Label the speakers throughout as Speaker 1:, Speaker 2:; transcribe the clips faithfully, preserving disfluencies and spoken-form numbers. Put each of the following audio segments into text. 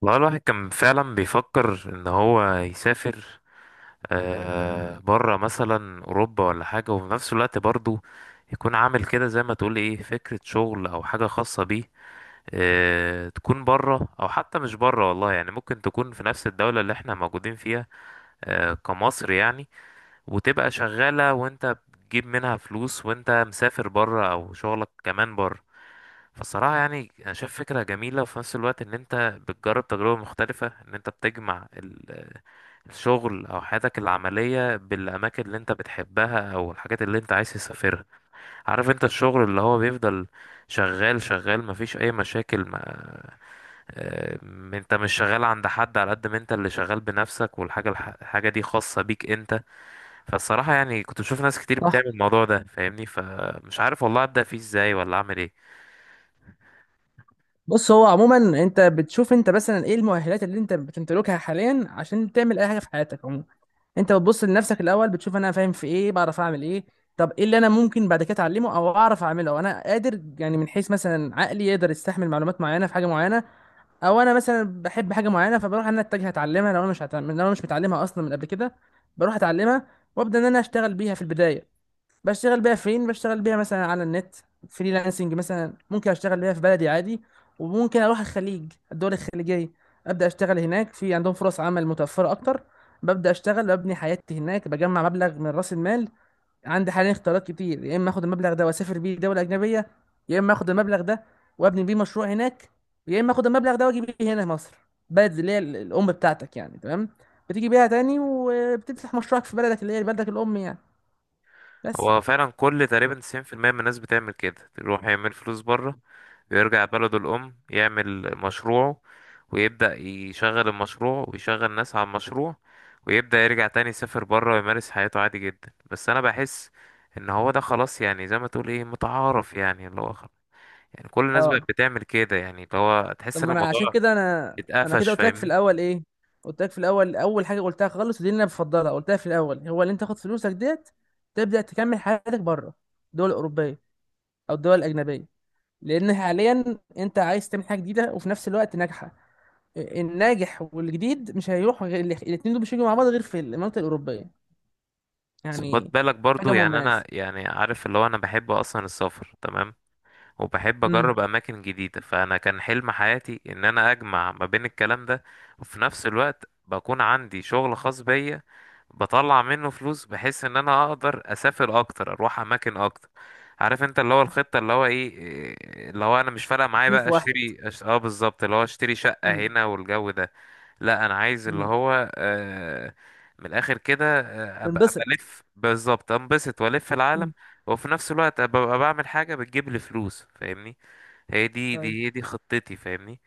Speaker 1: والله الواحد كان فعلا بيفكر ان هو يسافر. آه، بره مثلا اوروبا ولا حاجه، وفي نفس الوقت برضه يكون عامل كده زي ما تقول ايه فكره شغل او حاجه خاصه بيه. آه، تكون بره او حتى مش بره، والله يعني ممكن تكون في نفس الدوله اللي احنا موجودين فيها، آه كمصر يعني. وتبقى شغاله وانت بتجيب منها فلوس وانت مسافر بره، او شغلك كمان بره. فالصراحة يعني أنا شايف فكرة جميلة، وفي نفس الوقت إن أنت بتجرب تجربة مختلفة، إن أنت بتجمع ال- الشغل أو حياتك العملية بالأماكن اللي أنت بتحبها أو الحاجات اللي أنت عايز تسافرها. عارف أنت الشغل اللي هو بيفضل شغال شغال، مفيش أي مشاكل، ما آه، أنت مش شغال عند حد، على قد ما أنت اللي شغال بنفسك والحاجة الح- الحاجة دي خاصة بيك أنت. فالصراحة يعني كنت بشوف ناس كتير
Speaker 2: صح.
Speaker 1: بتعمل الموضوع ده، فاهمني؟ فمش عارف والله أبدأ فيه إزاي ولا أعمل إيه.
Speaker 2: بص هو عموما انت بتشوف انت مثلا ايه المؤهلات اللي انت بتمتلكها حاليا عشان تعمل اي حاجه في حياتك عموما. انت بتبص لنفسك الاول، بتشوف انا فاهم في ايه، بعرف اعمل ايه. طب ايه اللي انا ممكن بعد كده اتعلمه او اعرف اعمله، او انا قادر يعني من حيث مثلا عقلي يقدر يستحمل معلومات معينه في حاجه معينه، او انا مثلا بحب حاجه معينه فبروح ان انا اتجه اتعلمها. لو انا مش هتعلم... لو انا مش متعلمها اصلا من قبل كده، بروح اتعلمها وابدا ان انا اشتغل بيها في البدايه. بشتغل بيها فين؟ بشتغل بيها مثلا على النت، فريلانسنج. مثلا ممكن اشتغل بيها في بلدي عادي، وممكن اروح الخليج، الدول الخليجيه، ابدا اشتغل هناك، في عندهم فرص عمل متوفره اكتر. ببدا اشتغل، ببني حياتي هناك، بجمع مبلغ من راس المال. عندي حاليا اختيارات كتير، يا اما اخد المبلغ ده واسافر بيه دوله اجنبيه، يا اما اخد المبلغ ده وابني بيه مشروع هناك، يا اما اخد المبلغ ده واجي بيه هنا مصر، بلد اللي هي ال- الام بتاعتك يعني، تمام؟ بتيجي بيها تاني وبتفتح مشروعك في بلدك اللي هي بلدك الام يعني. بس.
Speaker 1: هو فعلا كل تقريبا تسعين في المية من الناس بتعمل كده، يروح يعمل فلوس بره ويرجع بلده الأم يعمل مشروعه، ويبدأ يشغل المشروع ويشغل ناس على المشروع، ويبدأ يرجع تاني يسافر بره ويمارس حياته عادي جدا. بس أنا بحس إن هو ده خلاص، يعني زي ما تقول إيه، متعارف، يعني اللي هو خلاص. يعني كل الناس بقت
Speaker 2: اه،
Speaker 1: بتعمل كده، يعني اللي هو
Speaker 2: طب
Speaker 1: تحس إن
Speaker 2: ما انا عشان
Speaker 1: الموضوع
Speaker 2: كده، انا انا كده
Speaker 1: اتقفش،
Speaker 2: قلت لك في
Speaker 1: فاهمني؟
Speaker 2: الاول ايه، قلت لك في الاول، اول حاجه قلتها خالص ودي اللي انا بفضلها، قلتها في الاول، هو اللي انت تاخد فلوسك ديت، تبدا تكمل حياتك بره، الدول الاوروبيه او الدول الاجنبيه. لان حاليا انت عايز تعمل حاجه جديده وفي نفس الوقت ناجحه. الناجح والجديد مش هيروح، غير الاثنين دول مش هيجوا مع بعض غير في المنطقه الاوروبيه
Speaker 1: بس خد
Speaker 2: يعني،
Speaker 1: بالك برضو،
Speaker 2: حاجه
Speaker 1: يعني أنا
Speaker 2: مميزه.
Speaker 1: يعني عارف اللي هو أنا بحب أصلا السفر، تمام؟ وبحب
Speaker 2: امم.
Speaker 1: اجرب اماكن جديده، فانا كان حلم حياتي ان انا اجمع ما بين الكلام ده، وفي نفس الوقت بكون عندي شغل خاص بيا بطلع منه فلوس، بحيث ان انا اقدر اسافر اكتر، اروح اماكن اكتر. عارف انت اللي هو الخطه اللي هو ايه إيه، اللي هو انا مش فارقه معايا
Speaker 2: اتنين
Speaker 1: بقى
Speaker 2: في واحد.
Speaker 1: اشتري أش... اه، بالظبط، اللي هو اشتري شقه
Speaker 2: امم.
Speaker 1: هنا والجو ده. لا، انا عايز اللي
Speaker 2: امم.
Speaker 1: هو، آه، من الاخر كده، آه، ابقى أبقى
Speaker 2: تنبسط.
Speaker 1: الف، بالظبط، انبسط والف العالم.
Speaker 2: امم.
Speaker 1: وفي نفس الوقت ابقى أبقى بعمل حاجه بتجيب لي فلوس، فاهمني؟ هي دي
Speaker 2: طيب.
Speaker 1: دي هي دي خطتي، فاهمني؟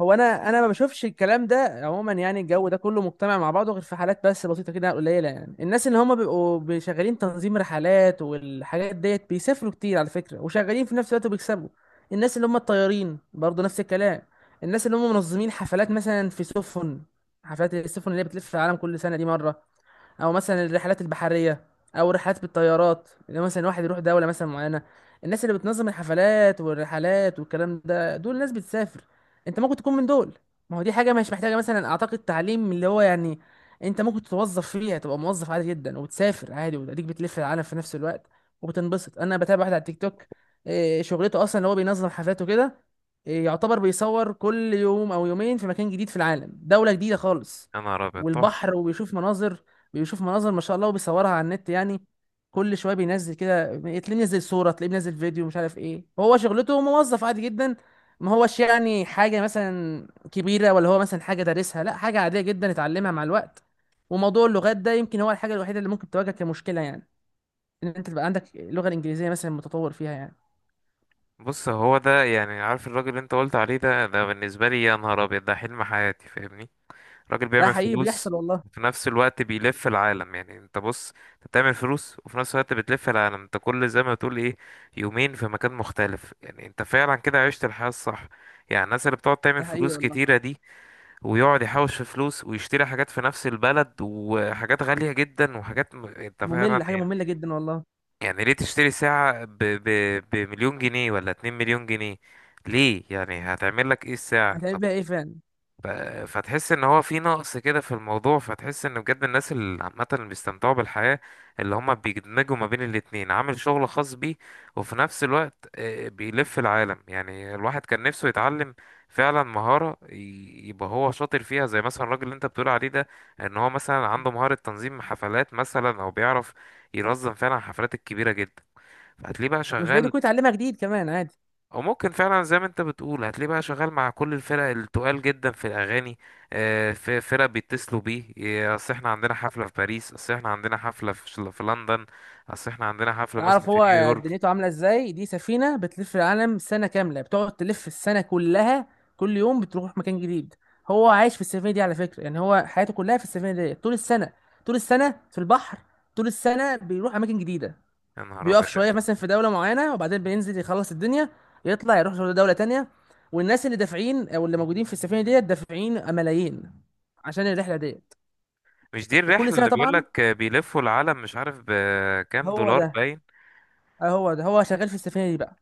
Speaker 2: هو انا انا ما بشوفش الكلام ده عموما يعني، الجو ده كله مجتمع مع بعضه، غير في حالات بس بسيطه كده قليله يعني. الناس اللي هم بيبقوا شغالين تنظيم رحلات والحاجات ديت، بيسافروا كتير على فكره وشغالين في نفس الوقت وبيكسبوا. الناس اللي هم الطيارين برضه نفس الكلام. الناس اللي هم منظمين حفلات مثلا في سفن، حفلات السفن اللي هي بتلف في العالم كل سنه دي مره، او مثلا الرحلات البحريه، او رحلات بالطيارات اللي هو مثلا واحد يروح دوله مثلا معينه. الناس اللي بتنظم الحفلات والرحلات والكلام ده، دول ناس بتسافر. انت ممكن تكون من دول. ما هو دي حاجه مش محتاجه مثلا اعتقد تعليم اللي هو يعني، انت ممكن تتوظف فيها، تبقى موظف عادي جدا وتسافر عادي وتديك بتلف العالم في نفس الوقت وبتنبسط. انا بتابع واحد على التيك توك، إيه، شغلته اصلا ان هو بينظم حفلاته كده، إيه، يعتبر بيصور كل يوم او يومين في مكان جديد في العالم، دولة جديدة خالص.
Speaker 1: يا نهار ابيض، تحفه.
Speaker 2: والبحر وبيشوف مناظر، بيشوف مناظر ما شاء الله، وبيصورها على النت يعني. كل شويه بينزل كده، تلاقيه منزل صوره، تلاقيه منزل فيديو، مش عارف ايه. هو شغلته موظف عادي جدا، ما هوش يعني حاجه مثلا كبيره، ولا هو مثلا حاجه دارسها، لا، حاجه عاديه جدا اتعلمها مع الوقت. وموضوع اللغات ده يمكن هو الحاجه الوحيده اللي ممكن تواجهك كمشكله يعني، ان انت تبقى عندك اللغه الانجليزيه مثلا متطور فيها يعني.
Speaker 1: بص، هو ده يعني، عارف الراجل اللي انت قلت عليه ده ده بالنسبه لي يا نهار ابيض ده حلم حياتي، فاهمني؟ راجل
Speaker 2: ده
Speaker 1: بيعمل
Speaker 2: حقيقي
Speaker 1: فلوس
Speaker 2: بيحصل والله.
Speaker 1: وفي نفس الوقت بيلف العالم. يعني انت بص، انت بتعمل فلوس وفي نفس الوقت بتلف العالم. انت كل، زي ما تقول ايه، يومين في مكان مختلف، يعني انت فعلا كده عشت الحياة الصح. يعني الناس اللي بتقعد تعمل
Speaker 2: ده حقيقي
Speaker 1: فلوس
Speaker 2: والله.
Speaker 1: كتيرة دي ويقعد يحوش في فلوس ويشتري حاجات في نفس البلد، وحاجات غالية جدا، وحاجات م... انت فعلا
Speaker 2: ممل، حاجه
Speaker 1: يعني.
Speaker 2: ممله جدا والله.
Speaker 1: يعني ليه تشتري ساعة ب... ب... بمليون جنيه ولا اتنين مليون جنيه؟ ليه؟ يعني هتعمل لك ايه الساعة؟
Speaker 2: هتعمل بيها ايه فعلا.
Speaker 1: ف- فتحس ان هو في نقص كده في الموضوع، فتحس ان بجد الناس اللي عامه اللي بيستمتعوا بالحياه، اللي هم بيدمجوا ما بين الاتنين، عامل شغل خاص بيه وفي نفس الوقت آه، بيلف العالم. يعني الواحد كان نفسه يتعلم فعلا مهاره ي- يبقى هو شاطر فيها، زي مثلا الراجل اللي انت بتقول عليه ده، ان هو مثلا عنده مهاره تنظيم حفلات مثلا، او بيعرف ينظم فعلا الحفلات الكبيره جدا. فهتلاقيه بقى
Speaker 2: مش بعيد
Speaker 1: شغال،
Speaker 2: يكون اتعلمها جديد كمان عادي.
Speaker 1: او ممكن فعلا زي ما انت بتقول هتلاقيه بقى شغال مع كل الفرق التقال جدا في الاغاني. آه، في فرق بيتصلوا بيه، إيه، اصل احنا عندنا حفله في باريس، اصل احنا عندنا حفله في شل- في لندن، اصل احنا عندنا حفله مثلا
Speaker 2: تعرف
Speaker 1: في
Speaker 2: هو دنيته
Speaker 1: نيويورك.
Speaker 2: عامله ازاي؟ دي سفينه بتلف العالم سنه كامله، بتقعد تلف السنه كلها، كل يوم بتروح مكان جديد. هو عايش في السفينه دي على فكره يعني، هو حياته كلها في السفينه دي طول السنه، طول السنه في البحر، طول السنه بيروح اماكن جديده.
Speaker 1: يا نهار ابيض
Speaker 2: بيقف
Speaker 1: يا
Speaker 2: شويه مثلا
Speaker 1: جماعة.
Speaker 2: في دوله معينه، وبعدين بينزل يخلص الدنيا، يطلع يروح دوله تانية. والناس اللي دافعين او اللي موجودين في السفينه ديت دافعين ملايين عشان الرحله ديت،
Speaker 1: مش دي
Speaker 2: وكل
Speaker 1: الرحله
Speaker 2: سنه
Speaker 1: اللي بيقول
Speaker 2: طبعا.
Speaker 1: لك بيلفوا العالم مش عارف بكام
Speaker 2: هو
Speaker 1: دولار؟
Speaker 2: ده.
Speaker 1: باين.
Speaker 2: آه، هو ده. هو شغال في السفينه دي بقى،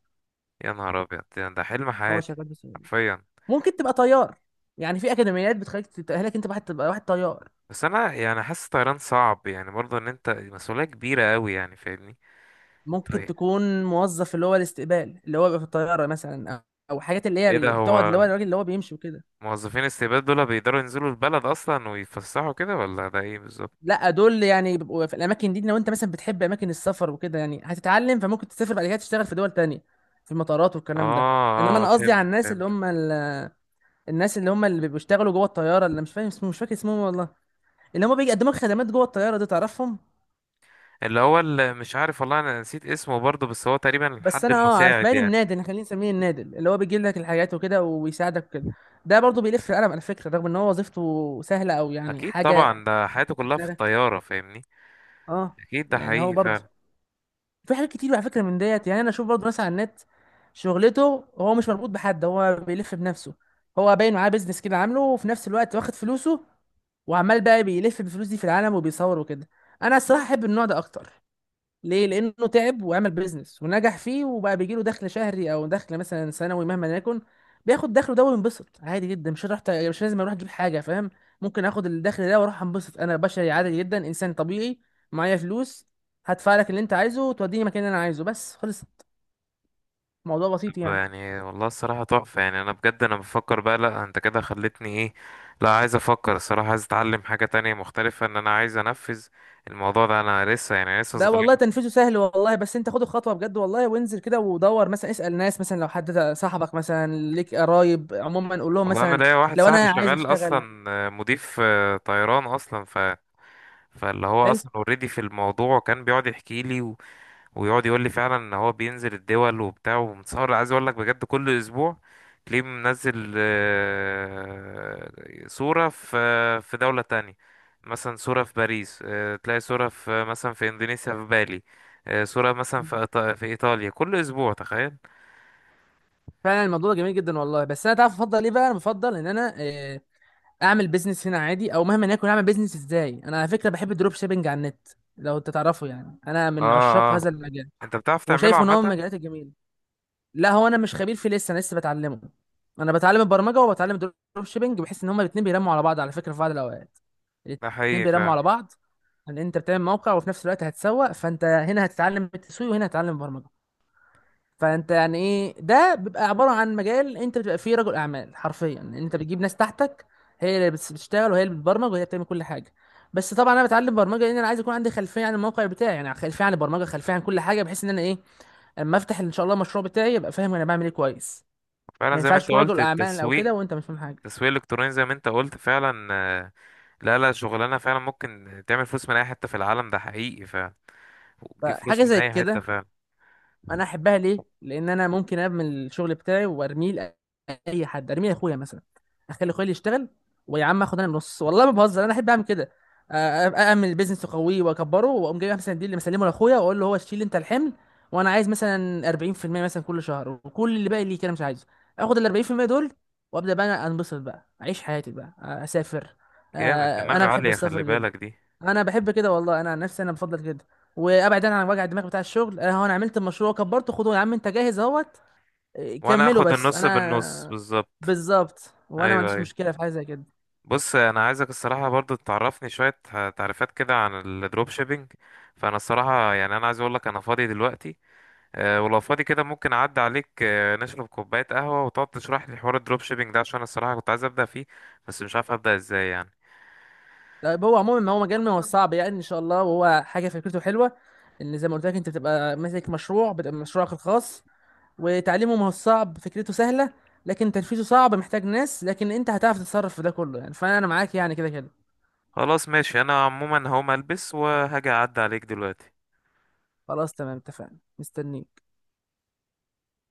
Speaker 1: يا نهار ابيض، ده ده حلم
Speaker 2: هو
Speaker 1: حياتي،
Speaker 2: شغال في السفينه.
Speaker 1: حرفيا.
Speaker 2: ممكن تبقى طيار، يعني في اكاديميات بتخليك تتاهلك انت واحد تبقى واحد طيار.
Speaker 1: بس انا يعني حاسس طيران صعب، يعني برضه ان انت مسؤوليه كبيره قوي، يعني فاهمني؟
Speaker 2: ممكن
Speaker 1: طيب.
Speaker 2: تكون موظف اللي هو الاستقبال اللي هو بيبقى في الطياره مثلا، او أو حاجات اللي هي
Speaker 1: ايه ده؟
Speaker 2: اللي
Speaker 1: هو
Speaker 2: بتقعد، اللي هو الراجل اللي هو بيمشي وكده.
Speaker 1: موظفين استباد دول بيقدروا ينزلوا البلد اصلا ويتفسحوا كده ولا ده ايه بالظبط؟
Speaker 2: لا، دول يعني بيبقوا في الاماكن دي، لو انت مثلا بتحب اماكن السفر وكده يعني هتتعلم، فممكن تسافر بعد كده تشتغل في دول تانية، في المطارات والكلام ده. انما
Speaker 1: اه اه،
Speaker 2: انا قصدي
Speaker 1: فهمت
Speaker 2: على الناس اللي
Speaker 1: فهمت.
Speaker 2: هم ال... الناس اللي هم اللي بيشتغلوا جوه الطياره، اللي مش فاهم اسمه، مش فاكر اسمهم والله، اللي هم بيقدموا لك خدمات جوه الطياره دي، تعرفهم.
Speaker 1: اللي هو، اللي مش عارف والله انا نسيت اسمه برضه، بس هو تقريبا
Speaker 2: بس
Speaker 1: الحد
Speaker 2: انا اه عارف،
Speaker 1: المساعد
Speaker 2: باين
Speaker 1: يعني.
Speaker 2: النادل، احنا خلينا نسميه النادل، اللي هو بيجيب لك الحاجات وكده وبيساعدك وكده. ده برضه بيلف القلم على فكره، رغم ان هو وظيفته سهله او يعني
Speaker 1: اكيد
Speaker 2: حاجه
Speaker 1: طبعا، ده حياته
Speaker 2: في
Speaker 1: كلها في
Speaker 2: دماغك.
Speaker 1: الطياره، فاهمني؟
Speaker 2: اه.
Speaker 1: اكيد ده
Speaker 2: يعني هو
Speaker 1: حقيقي
Speaker 2: برضه
Speaker 1: فعلا.
Speaker 2: في حاجات كتير على فكره من ديت يعني، انا اشوف برضه ناس على النت، شغلته هو مش مربوط بحد، هو بيلف بنفسه، هو باين معاه بيزنس كده عامله، وفي نفس الوقت واخد فلوسه وعمال بقى بيلف بالفلوس دي في العالم وبيصور وكده. انا الصراحه احب النوع ده اكتر، ليه؟ لانه تعب وعمل بيزنس ونجح فيه، وبقى بيجيله دخل شهري او دخل مثلا سنوي مهما يكن، بياخد دخله ده وينبسط عادي جدا. مش رحت، مش لازم اروح اجيب حاجه، فاهم. ممكن اخد الدخل ده واروح انبسط، انا بشري عادي جدا، انسان طبيعي، معايا فلوس، هدفع لك اللي انت عايزه وتوديني مكان اللي انا عايزه، بس خلص. الموضوع
Speaker 1: طب
Speaker 2: بسيط يعني.
Speaker 1: يعني والله الصراحه تحفه، يعني انا بجد انا بفكر بقى. لا، انت كده خلتني ايه، لا، عايز افكر الصراحه، عايز اتعلم حاجه تانية مختلفه، ان انا عايز انفذ الموضوع ده. انا لسه يعني لسه
Speaker 2: ده
Speaker 1: صغير.
Speaker 2: والله تنفيذه سهل والله، بس انت خد الخطوه بجد والله، وانزل كده ودور، مثلا اسال ناس، مثلا لو حد صاحبك مثلا، ليك قرايب عموما، قول لهم
Speaker 1: والله انا
Speaker 2: مثلا
Speaker 1: ليا واحد
Speaker 2: لو
Speaker 1: صاحبي
Speaker 2: انا عايز
Speaker 1: شغال
Speaker 2: اشتغل.
Speaker 1: اصلا آه، مضيف آه، طيران اصلا، ف فاللي هو
Speaker 2: حلو.
Speaker 1: اصلا اوريدي في الموضوع، وكان بيقعد يحكي لي و... ويقعد يقول لي فعلا ان هو بينزل الدول وبتاع ومتصور، عايز اقول لك بجد كل اسبوع تلاقيه منزل آه، صورة في في دولة تانية، مثلا صورة في باريس، آه، تلاقي صورة في مثلا في اندونيسيا في بالي، آه، صورة مثلا في إيطا- في ايطاليا، كل اسبوع، تخيل.
Speaker 2: فعلا الموضوع ده جميل جدا والله، بس انا تعرف افضل ايه بقى؟ انا بفضل ان انا آه، اعمل بيزنس هنا عادي، او مهما يكون. اعمل بيزنس ازاي؟ انا على فكره بحب الدروب شيبنج على النت، لو انت تعرفه يعني، انا
Speaker 1: اه
Speaker 2: من عشاق
Speaker 1: اه.
Speaker 2: هذا المجال،
Speaker 1: انت بتعرف تعمله
Speaker 2: وشايفه ان هو من
Speaker 1: عامة؟
Speaker 2: المجالات الجميله. لا، هو انا مش خبير فيه لسه، انا لسه بتعلمه. انا بتعلم البرمجه وبتعلم الدروب شيبنج، بحيث ان هما الاثنين بيرموا على بعض على فكره، في بعض الاوقات
Speaker 1: ده
Speaker 2: الاثنين
Speaker 1: حقيقي
Speaker 2: بيرموا
Speaker 1: فعلا.
Speaker 2: على بعض. ان انت بتعمل موقع وفي نفس الوقت هتسوق، فانت هنا هتتعلم التسويق وهنا هتتعلم البرمجه. فانت يعني ايه، ده بيبقى عباره عن مجال انت بتبقى فيه رجل اعمال حرفيا، انت بتجيب ناس تحتك، هي اللي بتس- بتشتغل، وهي اللي بتبرمج، وهي اللي بتعمل كل حاجه. بس طبعا انا بتعلم برمجه، لان انا عايز يكون عندي خلفيه عن الموقع بتاعي، يعني خلفيه عن البرمجه، خلفيه عن كل حاجه، بحيث ان انا ايه، اما افتح ان شاء الله المشروع بتاعي، ابقى فاهم انا بعمل ايه كويس.
Speaker 1: فعلا
Speaker 2: ما
Speaker 1: زي ما
Speaker 2: ينفعش
Speaker 1: انت
Speaker 2: تكون
Speaker 1: قلت،
Speaker 2: رجل اعمال او
Speaker 1: التسويق،
Speaker 2: كده وانت مش فاهم حاجه.
Speaker 1: التسويق الالكتروني زي ما انت قلت فعلا. آه، لا لا، شغلانه فعلا ممكن تعمل فلوس من اي حته في العالم، ده حقيقي فعلا، وتجيب فلوس
Speaker 2: فحاجه
Speaker 1: من
Speaker 2: زي
Speaker 1: اي حته
Speaker 2: كده
Speaker 1: فعلا.
Speaker 2: انا احبها، ليه؟ لان انا ممكن ابني الشغل بتاعي وارميه لاي حد، ارميه لاخويا مثلا، اخلي اخويا اللي يشتغل، ويا عم اخد انا النص، والله ما بهزر، انا احب اعمل كده. أ- أ- اعمل بيزنس واقويه واكبره، واقوم جايب مثلا دي اللي مسلمه لاخويا، واقول له هو شيل انت الحمل، وانا عايز مثلا اربعين في المية مثلا كل شهر، وكل اللي باقي ليك انا مش عايزه. اخد ال اربعين في المية دول، وابدا بقى انا انبسط بقى، اعيش حياتي بقى، اسافر. أ-
Speaker 1: جامد، دماغ
Speaker 2: انا بحب
Speaker 1: عاليه، خلي
Speaker 2: السفر جدا.
Speaker 1: بالك دي.
Speaker 2: انا بحب كده والله، انا عن نفسي انا بفضل كده، وابعد انا عن وجع الدماغ بتاع الشغل. انا هو انا عملت المشروع، كبرته، خدوه يا عم، انت جاهز اهوت، إيه،
Speaker 1: وانا
Speaker 2: كمله.
Speaker 1: اخد
Speaker 2: بس
Speaker 1: النص بالنص،
Speaker 2: انا
Speaker 1: بالظبط.
Speaker 2: بالظبط، وانا ما
Speaker 1: ايوه
Speaker 2: عنديش
Speaker 1: ايوه.
Speaker 2: مشكله في حاجه زي كده.
Speaker 1: بص، انا عايزك الصراحه برضو تعرفني شويه تعريفات كده عن الدروب شيبينج. فانا الصراحه يعني انا عايز اقول لك انا فاضي دلوقتي، آه، ولو فاضي كده ممكن اعدي عليك، آه، نشرب كوباية قهوة وتقعد تشرح لي حوار الدروب شيبينج ده، عشان الصراحة كنت عايز ابدأ فيه بس مش عارف ابدأ ازاي يعني.
Speaker 2: طيب، هو عموما ما هو مجال ما هو صعب يعني ان شاء الله، وهو حاجه فكرته حلوه، ان زي ما قلت لك، انت بتبقى ماسك مشروع، بتبقى مشروعك الخاص، وتعليمه ما هو صعب، فكرته سهله، لكن تنفيذه صعب، محتاج ناس، لكن انت هتعرف تتصرف في ده كله يعني، فانا معاك يعني كده كده.
Speaker 1: خلاص ماشي، انا عموما هقوم البس وهاجي اعدي عليك دلوقتي.
Speaker 2: خلاص تمام، اتفقنا، مستنيك.